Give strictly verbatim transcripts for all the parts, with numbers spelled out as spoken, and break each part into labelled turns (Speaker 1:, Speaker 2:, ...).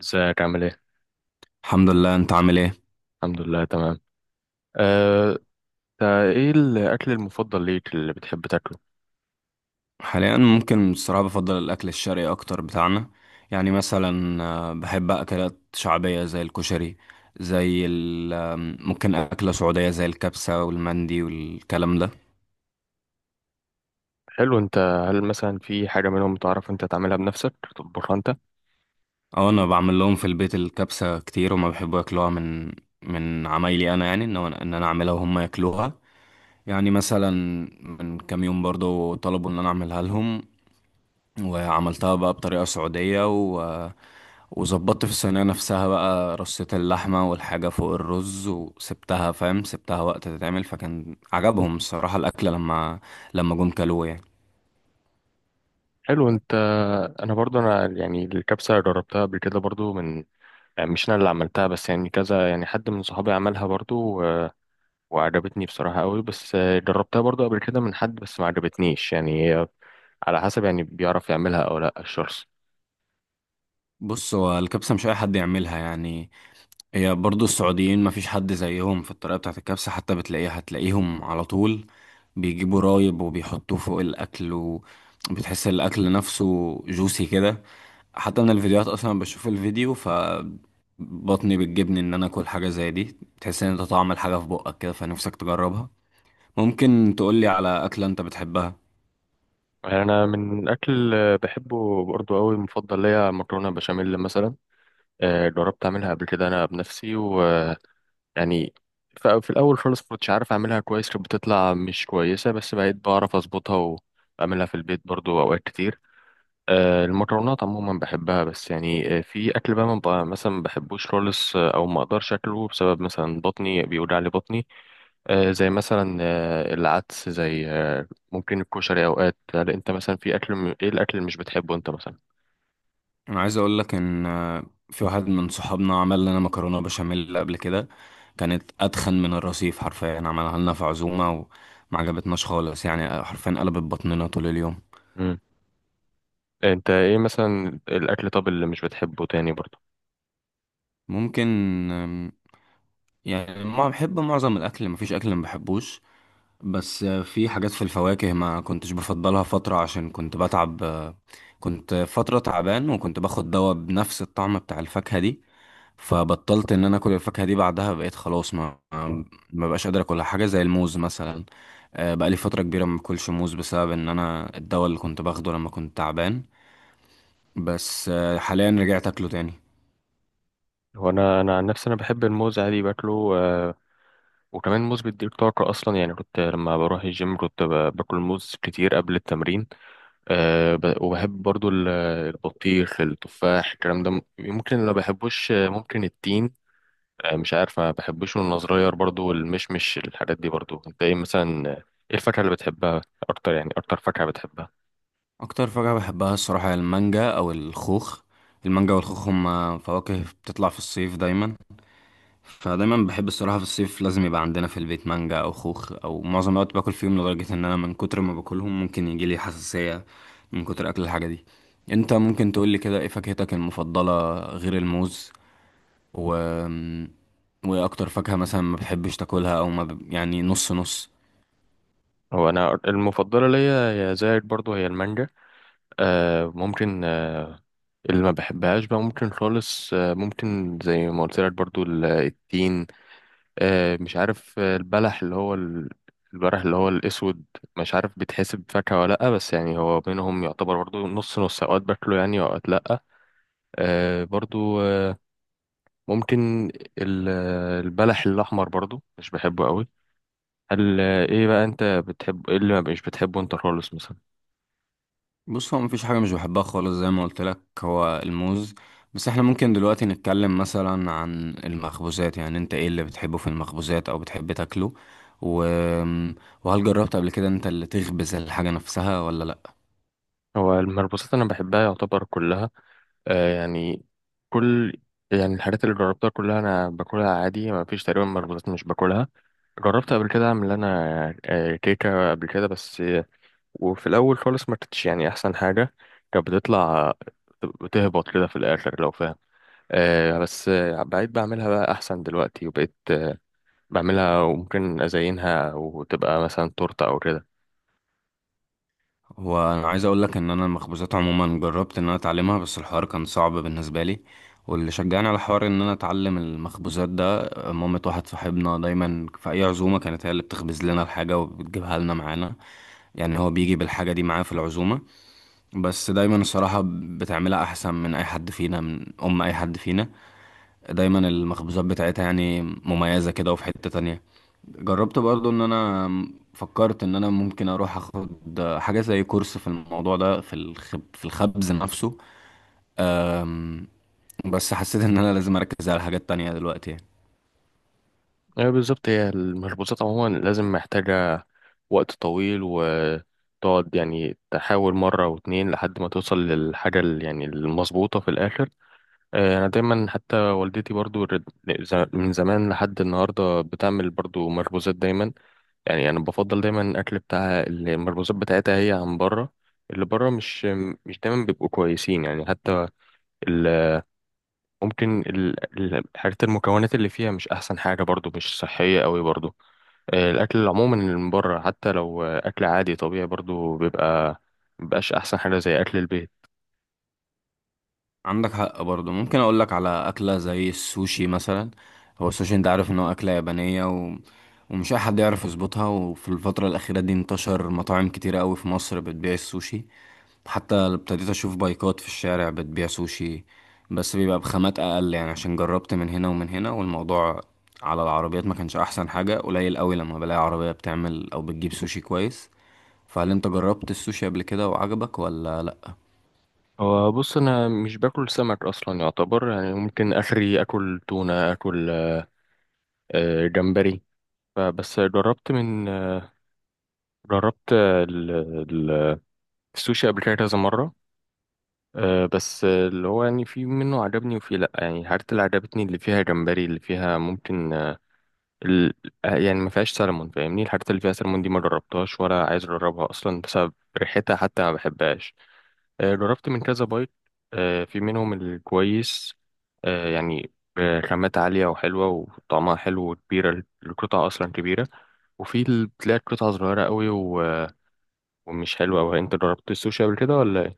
Speaker 1: ازيك عامل ايه؟
Speaker 2: الحمد لله، انت عامل ايه؟
Speaker 1: الحمد لله تمام. أه، تا ايه الأكل المفضل ليك اللي بتحب تاكله؟
Speaker 2: حاليا ممكن الصراحه بفضل الاكل الشرقي اكتر بتاعنا. يعني مثلا، آه، بحب اكلات شعبيه زي الكشري. زي ال آم، ممكن اكله سعوديه زي الكبسه والمندي والكلام ده.
Speaker 1: حلو انت. هل مثلا في حاجة منهم تعرف انت تعملها بنفسك تطبخها انت؟
Speaker 2: اه، انا بعمل لهم في البيت الكبسه كتير، وما بيحبوا ياكلوها من من عمايلي انا. يعني ان هو- ان انا اعملها وهم ياكلوها. يعني مثلا، من كام يوم برضو طلبوا ان انا اعملها لهم. وعملتها بقى بطريقة سعودية، و... وظبطت في الصينية نفسها بقى رصة اللحمة والحاجة فوق الرز، وسبتها فاهم سبتها وقت تتعمل، فكان عجبهم الصراحة الأكلة لما لما جم كلوه يعني.
Speaker 1: حلو انت. انا برضو انا يعني الكبسة جربتها قبل كده برضو من يعني مش انا اللي عملتها، بس يعني كذا، يعني حد من صحابي عملها برضو و- وعجبتني بصراحة قوي، بس آه، جربتها برضو قبل كده من حد بس ما عجبتنيش يعني آه، على حسب يعني بيعرف يعملها او لا الشخص.
Speaker 2: بص، هو الكبسة مش أي حد يعملها يعني. هي برضو السعوديين مفيش حد زيهم في الطريقة بتاعت الكبسة، حتى بتلاقيها هتلاقيهم على طول بيجيبوا رايب وبيحطوه فوق الأكل، وبتحس الأكل نفسه جوسي كده. حتى من الفيديوهات أصلا، بشوف الفيديو فبطني بتجبني إن أنا أكل حاجة زي دي، تحس إن أنت طعم الحاجة في بقك كده فنفسك تجربها. ممكن تقولي على أكلة أنت بتحبها؟
Speaker 1: انا من اكل آه، بحبه برضه قوي مفضل ليا مكرونه بشاميل مثلا. آه، جربت اعملها قبل كده انا بنفسي ويعني في الاول خالص كنتش عارف اعملها كويس، كانت بتطلع مش كويسه، بس بقيت بعرف اظبطها واعملها في البيت برضه اوقات كتير. آه، المكرونات عموما بحبها، بس يعني آه، في اكل بقى ما بقى- مثلا ما بحبوش خالص، آه، او ما اقدرش اكله بسبب مثلا بطني بيوجع لي بطني. آه، زي مثلا آه، العدس، زي آه، ممكن الكشري اوقات. هل انت مثلا في اكل م... ايه الاكل اللي مش بتحبه انت مثلا؟
Speaker 2: انا عايز اقول لك ان آه، في واحد من صحابنا عمل لنا مكرونه بشاميل قبل كده. كانت اتخن من الرصيف حرفيا، عملها لنا في عزومه، وما عجبتناش خالص يعني، حرفيا قلبت بطننا طول اليوم.
Speaker 1: مم. انت ايه مثلا الاكل، طب، اللي مش بتحبه تاني برضه؟
Speaker 2: ممكن. آم، يعني ما بحب معظم الاكل، مفيش اكل ما بحبوش. بس آه، في حاجات في الفواكه ما كنتش بفضلها فتره، عشان كنت بتعب. آه، كنت فتره تعبان وكنت باخد دواء بنفس الطعم بتاع الفاكهه دي، فبطلت ان انا اكل الفاكهه دي. بعدها بقيت خلاص ما ما بقاش قادر اكلها، حاجه زي الموز مثلا. آه، بقى لي فتره كبيره ما باكلش موز، بسبب ان انا الدواء اللي كنت باخده لما كنت تعبان. بس آه، حاليا رجعت اكله تاني.
Speaker 1: هو انا انا عن نفسي انا بحب الموز، عادي باكله. آه، وكمان الموز بيديك طاقه اصلا، يعني كنت لما بروح الجيم كنت ب- باكل موز كتير قبل التمرين. آه، ب- وبحب برضه ال- البطيخ، التفاح، الكلام ده. ممكن اللي ما بحبوش آه، ممكن التين. آه، مش عارف، ما بحبوش وانا صغير برضو، والمشمش، الحاجات دي برضو. انت ايه مثلا؟ ايه الفاكهة اللي بتحبها اكتر؟ يعني اكتر فاكهة بتحبها؟
Speaker 2: اكتر فاكهه بحبها الصراحه هي المانجا او الخوخ. المانجا والخوخ هما فواكه بتطلع في الصيف دايما، فدايما بحب الصراحة في الصيف لازم يبقى عندنا في البيت مانجا أو خوخ، أو معظم الوقت باكل فيهم لدرجة إن أنا من كتر ما باكلهم ممكن يجيلي حساسية من كتر أكل الحاجة دي. أنت ممكن تقولي كده، إيه فاكهتك المفضلة غير الموز؟ و وإيه أكتر فاكهة مثلا ما بتحبش تاكلها، أو ما ب... يعني نص نص؟
Speaker 1: هو انا المفضلة ليا يا زايد برضو هي المانجا. آه ممكن آه. اللي ما بحبهاش بقى ممكن خالص آه، ممكن زي ما قلت لك برضو ال- التين. آه مش عارف، آه، البلح اللي هو ال- البلح اللي هو الاسود. مش عارف بيتحسب فاكهة ولا لأ، بس يعني هو بينهم يعتبر برضو نص نص، اوقات باكله يعني، اوقات لأ. آه برضو آه، ممكن ال- البلح الأحمر برضو مش بحبه قوي. هل ايه بقى انت بتحب؟ ايه اللي ما مش بتحبه انت خالص مثلا؟
Speaker 2: بص، هو مفيش حاجة مش بحبها خالص، زي ما قلت لك، هو الموز. بس احنا ممكن دلوقتي نتكلم مثلا عن المخبوزات. يعني انت ايه اللي بتحبه في المخبوزات او بتحب تاكله، و... وهل جربت قبل كده انت اللي تخبز الحاجة نفسها ولا لا؟
Speaker 1: هو المربوسات انا بحبها يعتبر كلها. آه يعني كل، يعني الحاجات اللي جربتها كلها انا باكلها عادي، ما فيش تقريبا مربوطات مش باكلها. جربت قبل كده اعمل انا آه، كيكه قبل كده، بس آه، وفي الاول خالص ما كانتش يعني احسن حاجه، كانت بتطلع بتهبط كده في الاخر لو فاهم. آه بس آه، بقيت بعملها بقى احسن دلوقتي، وبقيت بعملها وممكن أزينها وتبقى مثلا تورتة أو كده.
Speaker 2: وانا عايز اقول لك ان انا المخبوزات عموما جربت ان انا اتعلمها، بس الحوار كان صعب بالنسبة لي. واللي شجعني على حوار ان انا اتعلم المخبوزات ده، مامة واحد صاحبنا، دايما في اي عزومة كانت هي اللي بتخبز لنا الحاجة وبتجيبها لنا معانا. يعني هو بيجي بالحاجة دي معاه في العزومة. بس دايما الصراحة بتعملها أحسن من أي حد فينا من أم أي حد فينا دايما المخبوزات بتاعتها يعني مميزة كده. وفي حتة تانية جربت برضو إن أنا فكرت إن أنا ممكن أروح أخد حاجة زي كورس في الموضوع ده، في الخب في الخبز نفسه. أم، بس حسيت إن أنا لازم أركز على حاجات تانية دلوقتي يعني.
Speaker 1: أيوة بالظبط، هي المخبوزات عموما لازم محتاجة وقت طويل، وتقعد يعني تحاول مرة واتنين لحد ما توصل للحاجة ال- يعني المظبوطة في الآخر. آه، أنا دايما حتى والدتي برضو رد- ز- من زمان لحد النهاردة بتعمل برضو مخبوزات دايما. يعني أنا بفضل دايما الأكل بتاعها، المخبوزات بتاعتها، هي عن بره. اللي بره مش مش دايما بيبقوا كويسين، يعني حتى ممكن ال- ال- الحاجات المكونات اللي فيها مش احسن حاجه برضو، مش صحيه قوي برضو. آه، الاكل عموما اللي من بره حتى لو آه، اكل عادي طبيعي برضو بيبقى مبقاش احسن حاجه زي اكل البيت.
Speaker 2: عندك حق برضه. ممكن اقول لك على اكله زي السوشي مثلا. هو السوشي، انت عارف ان هو اكله يابانيه، و... ومش اي حد يعرف يظبطها. وفي الفتره الاخيره دي انتشر مطاعم كتيره قوي في مصر بتبيع السوشي، حتى ابتديت اشوف بايكات في الشارع بتبيع سوشي. بس بيبقى بخامات اقل يعني، عشان جربت من هنا ومن هنا، والموضوع على العربيات ما كانش احسن حاجه. قليل قوي لما بلاقي عربيه بتعمل او بتجيب سوشي كويس. فهل انت جربت السوشي قبل كده وعجبك ولا لا؟
Speaker 1: هو بص انا مش باكل سمك اصلا يعتبر، يعني ممكن اخري اكل تونه، اكل آه، جمبري. فبس جربت من آه، جربت آه، ال- ال- السوشي قبل كده كذا مره. آه، بس آه، اللي هو يعني في منه عجبني وفي لا، يعني الحاجات اللي عجبتني اللي فيها جمبري، اللي فيها ممكن ال... يعني ما فيهاش سلمون، فاهمني. الحاجات اللي فيها سلمون دي ما جربتهاش ولا عايز اجربها اصلا بسبب ريحتها حتى ما بحبهاش. آه، جربت من كذا بايت، آه، في منهم الكويس، آه، يعني بخامات عالية وحلوة وطعمها حلو وكبيرة، القطعة أصلا كبيرة، وفي اللي بتلاقي القطعة صغيرة قوي و... ومش حلوة أوي. أنت جربت السوشي قبل كده ولا؟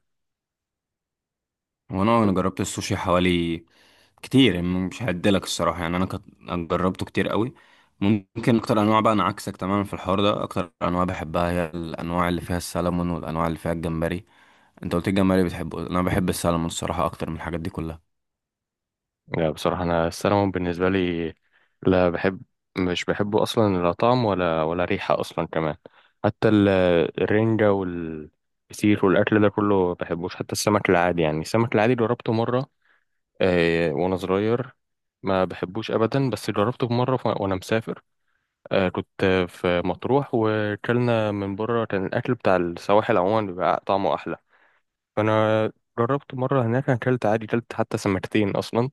Speaker 2: وانا انا جربت السوشي حوالي كتير يعني، مش هعدلك الصراحه يعني انا كت... جربته كتير قوي. ممكن اكتر انواع بقى، انا عكسك تماما في الحوار ده. اكتر انواع بحبها هي الانواع اللي فيها السلمون، والانواع اللي فيها الجمبري. انت قلت الجمبري بتحبه، انا بحب السلمون الصراحه اكتر من الحاجات دي كلها.
Speaker 1: لا بصراحة أنا السلمون بالنسبة لي لا بحب مش بحبه أصلا، لا طعم ولا ولا ريحة أصلا كمان. حتى ال- الرنجة والفسيخ والأكل ده كله ما بحبوش، حتى السمك العادي. يعني السمك العادي جربته مرة آه، وأنا صغير، ما بحبوش أبدا، بس جربته مرة ف- وأنا مسافر. آه، كنت في مطروح وكلنا من بره، كان الأكل بتاع السواحل عموما بيبقى طعمه أحلى، فأنا جربت مرة هناك، أنا أكلت عادي، أكلت حتى سمكتين أصلا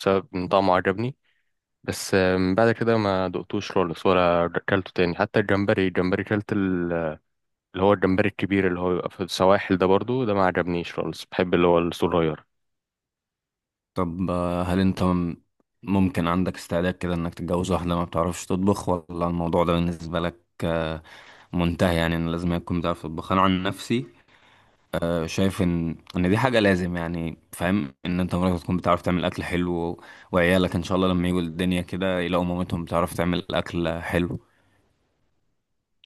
Speaker 1: بسبب إن طعمه عجبني. بس من بعد كده ما دقتوش خالص ولا اكلته تاني. حتى الجمبري، الجمبري كلت ال- اللي هو الجمبري الكبير اللي هو بيبقى في السواحل ده برضو، ده ما عجبنيش خالص، بحب اللي هو الصغير.
Speaker 2: طب، آه، هل انت م- ممكن عندك استعداد كده انك تتجوز واحده ما بتعرفش تطبخ، ولا الموضوع ده بالنسبه لك آه، منتهي؟ يعني ان لازم يكون بتعرف تطبخ. انا عن نفسي، آه، شايف ان ان دي حاجه لازم، يعني فاهم، ان انت مراتك تكون بتعرف تعمل اكل حلو و- وعيالك ان شاء الله لما يجوا الدنيا كده، يلاقوا مامتهم بتعرف تعمل اكل حلو.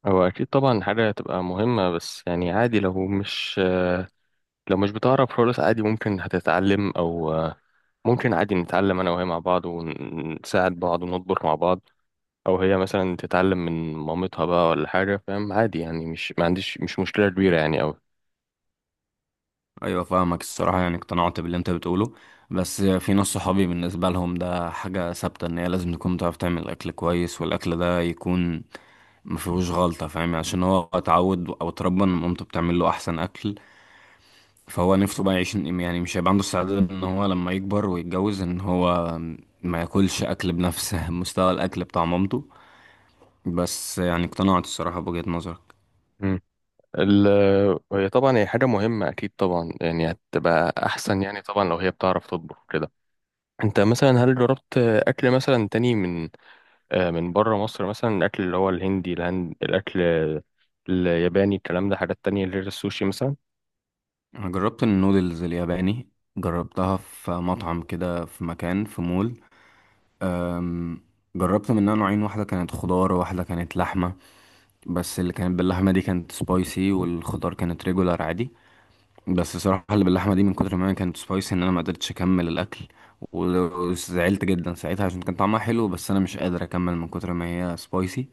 Speaker 1: هو اكيد طبعا حاجه هتبقى مهمه، بس يعني عادي لو مش لو مش بتعرف خالص عادي، ممكن هتتعلم، او ممكن عادي نتعلم انا وهي مع بعض ونساعد بعض ونطبخ مع بعض، او هي مثلا تتعلم من مامتها بقى ولا حاجه، فاهم، عادي يعني، مش ما عنديش، مش مشكله كبيره يعني.
Speaker 2: ايوه، فاهمك الصراحه يعني، اقتنعت باللي انت بتقوله. بس في ناس صحابي بالنسبه لهم ده حاجه ثابته، ان هي لازم تكون بتعرف تعمل اكل كويس، والاكل ده يكون ما فيهوش غلطه، فاهم، عشان هو اتعود او اتربى ان مامته بتعمل له احسن اكل. فهو نفسه بقى يعيش يعني، مش هيبقى عنده استعداد ان هو لما يكبر ويتجوز ان هو ما ياكلش اكل بنفس مستوى الاكل بتاع مامته. بس يعني اقتنعت الصراحة بوجهة نظرك.
Speaker 1: أوي ال- هي طبعا هي حاجة مهمة أكيد طبعا، يعني هتبقى أحسن يعني طبعا لو هي بتعرف تطبخ كده. أنت مثلا هل جربت أكل مثلا تاني من آه، من بره مصر مثلا؟ الأكل اللي هو الهندي، الهند، الأكل الياباني، الكلام ده، حاجات تانية غير السوشي مثلا.
Speaker 2: انا جربت النودلز الياباني، جربتها في مطعم كده في مكان في مول. أم، جربت منها نوعين، واحدة كانت خضار وواحدة كانت لحمة. بس اللي كانت باللحمة دي كانت سبايسي، والخضار كانت ريجولار عادي. بس صراحة اللي باللحمة دي من كتر ما هي كانت سبايسي ان انا ما قدرتش اكمل الاكل، و- وزعلت جدا ساعتها عشان كان طعمها حلو، بس انا مش قادر اكمل من كتر ما هي سبايسي.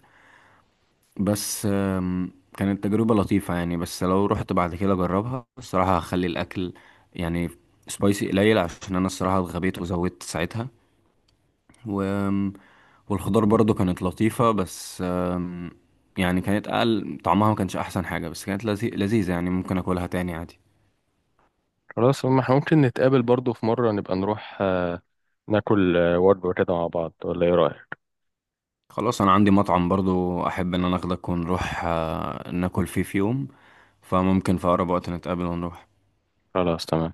Speaker 2: بس آم، كانت تجربة لطيفة يعني، بس لو رحت بعد كده اجربها الصراحة هخلي الاكل يعني سبايسي قليل، عشان انا الصراحة اتغبيت وزودت ساعتها. و... والخضار برضو كانت لطيفة، بس آم، يعني كانت اقل طعمها، ما كانش احسن حاجة، بس كانت لذي... لذيذة يعني، ممكن اكلها تاني عادي.
Speaker 1: خلاص ما احنا ممكن نتقابل برضو في مرة، نبقى نروح آه، ناكل آه، وجبة كده مع بعض، ولا إيه رأيك؟
Speaker 2: خلاص، انا عندي مطعم برضو احب ان انا اخدك ونروح آه، ناكل فيه في يوم، فممكن في اقرب وقت نتقابل ونروح.
Speaker 1: خلاص تمام.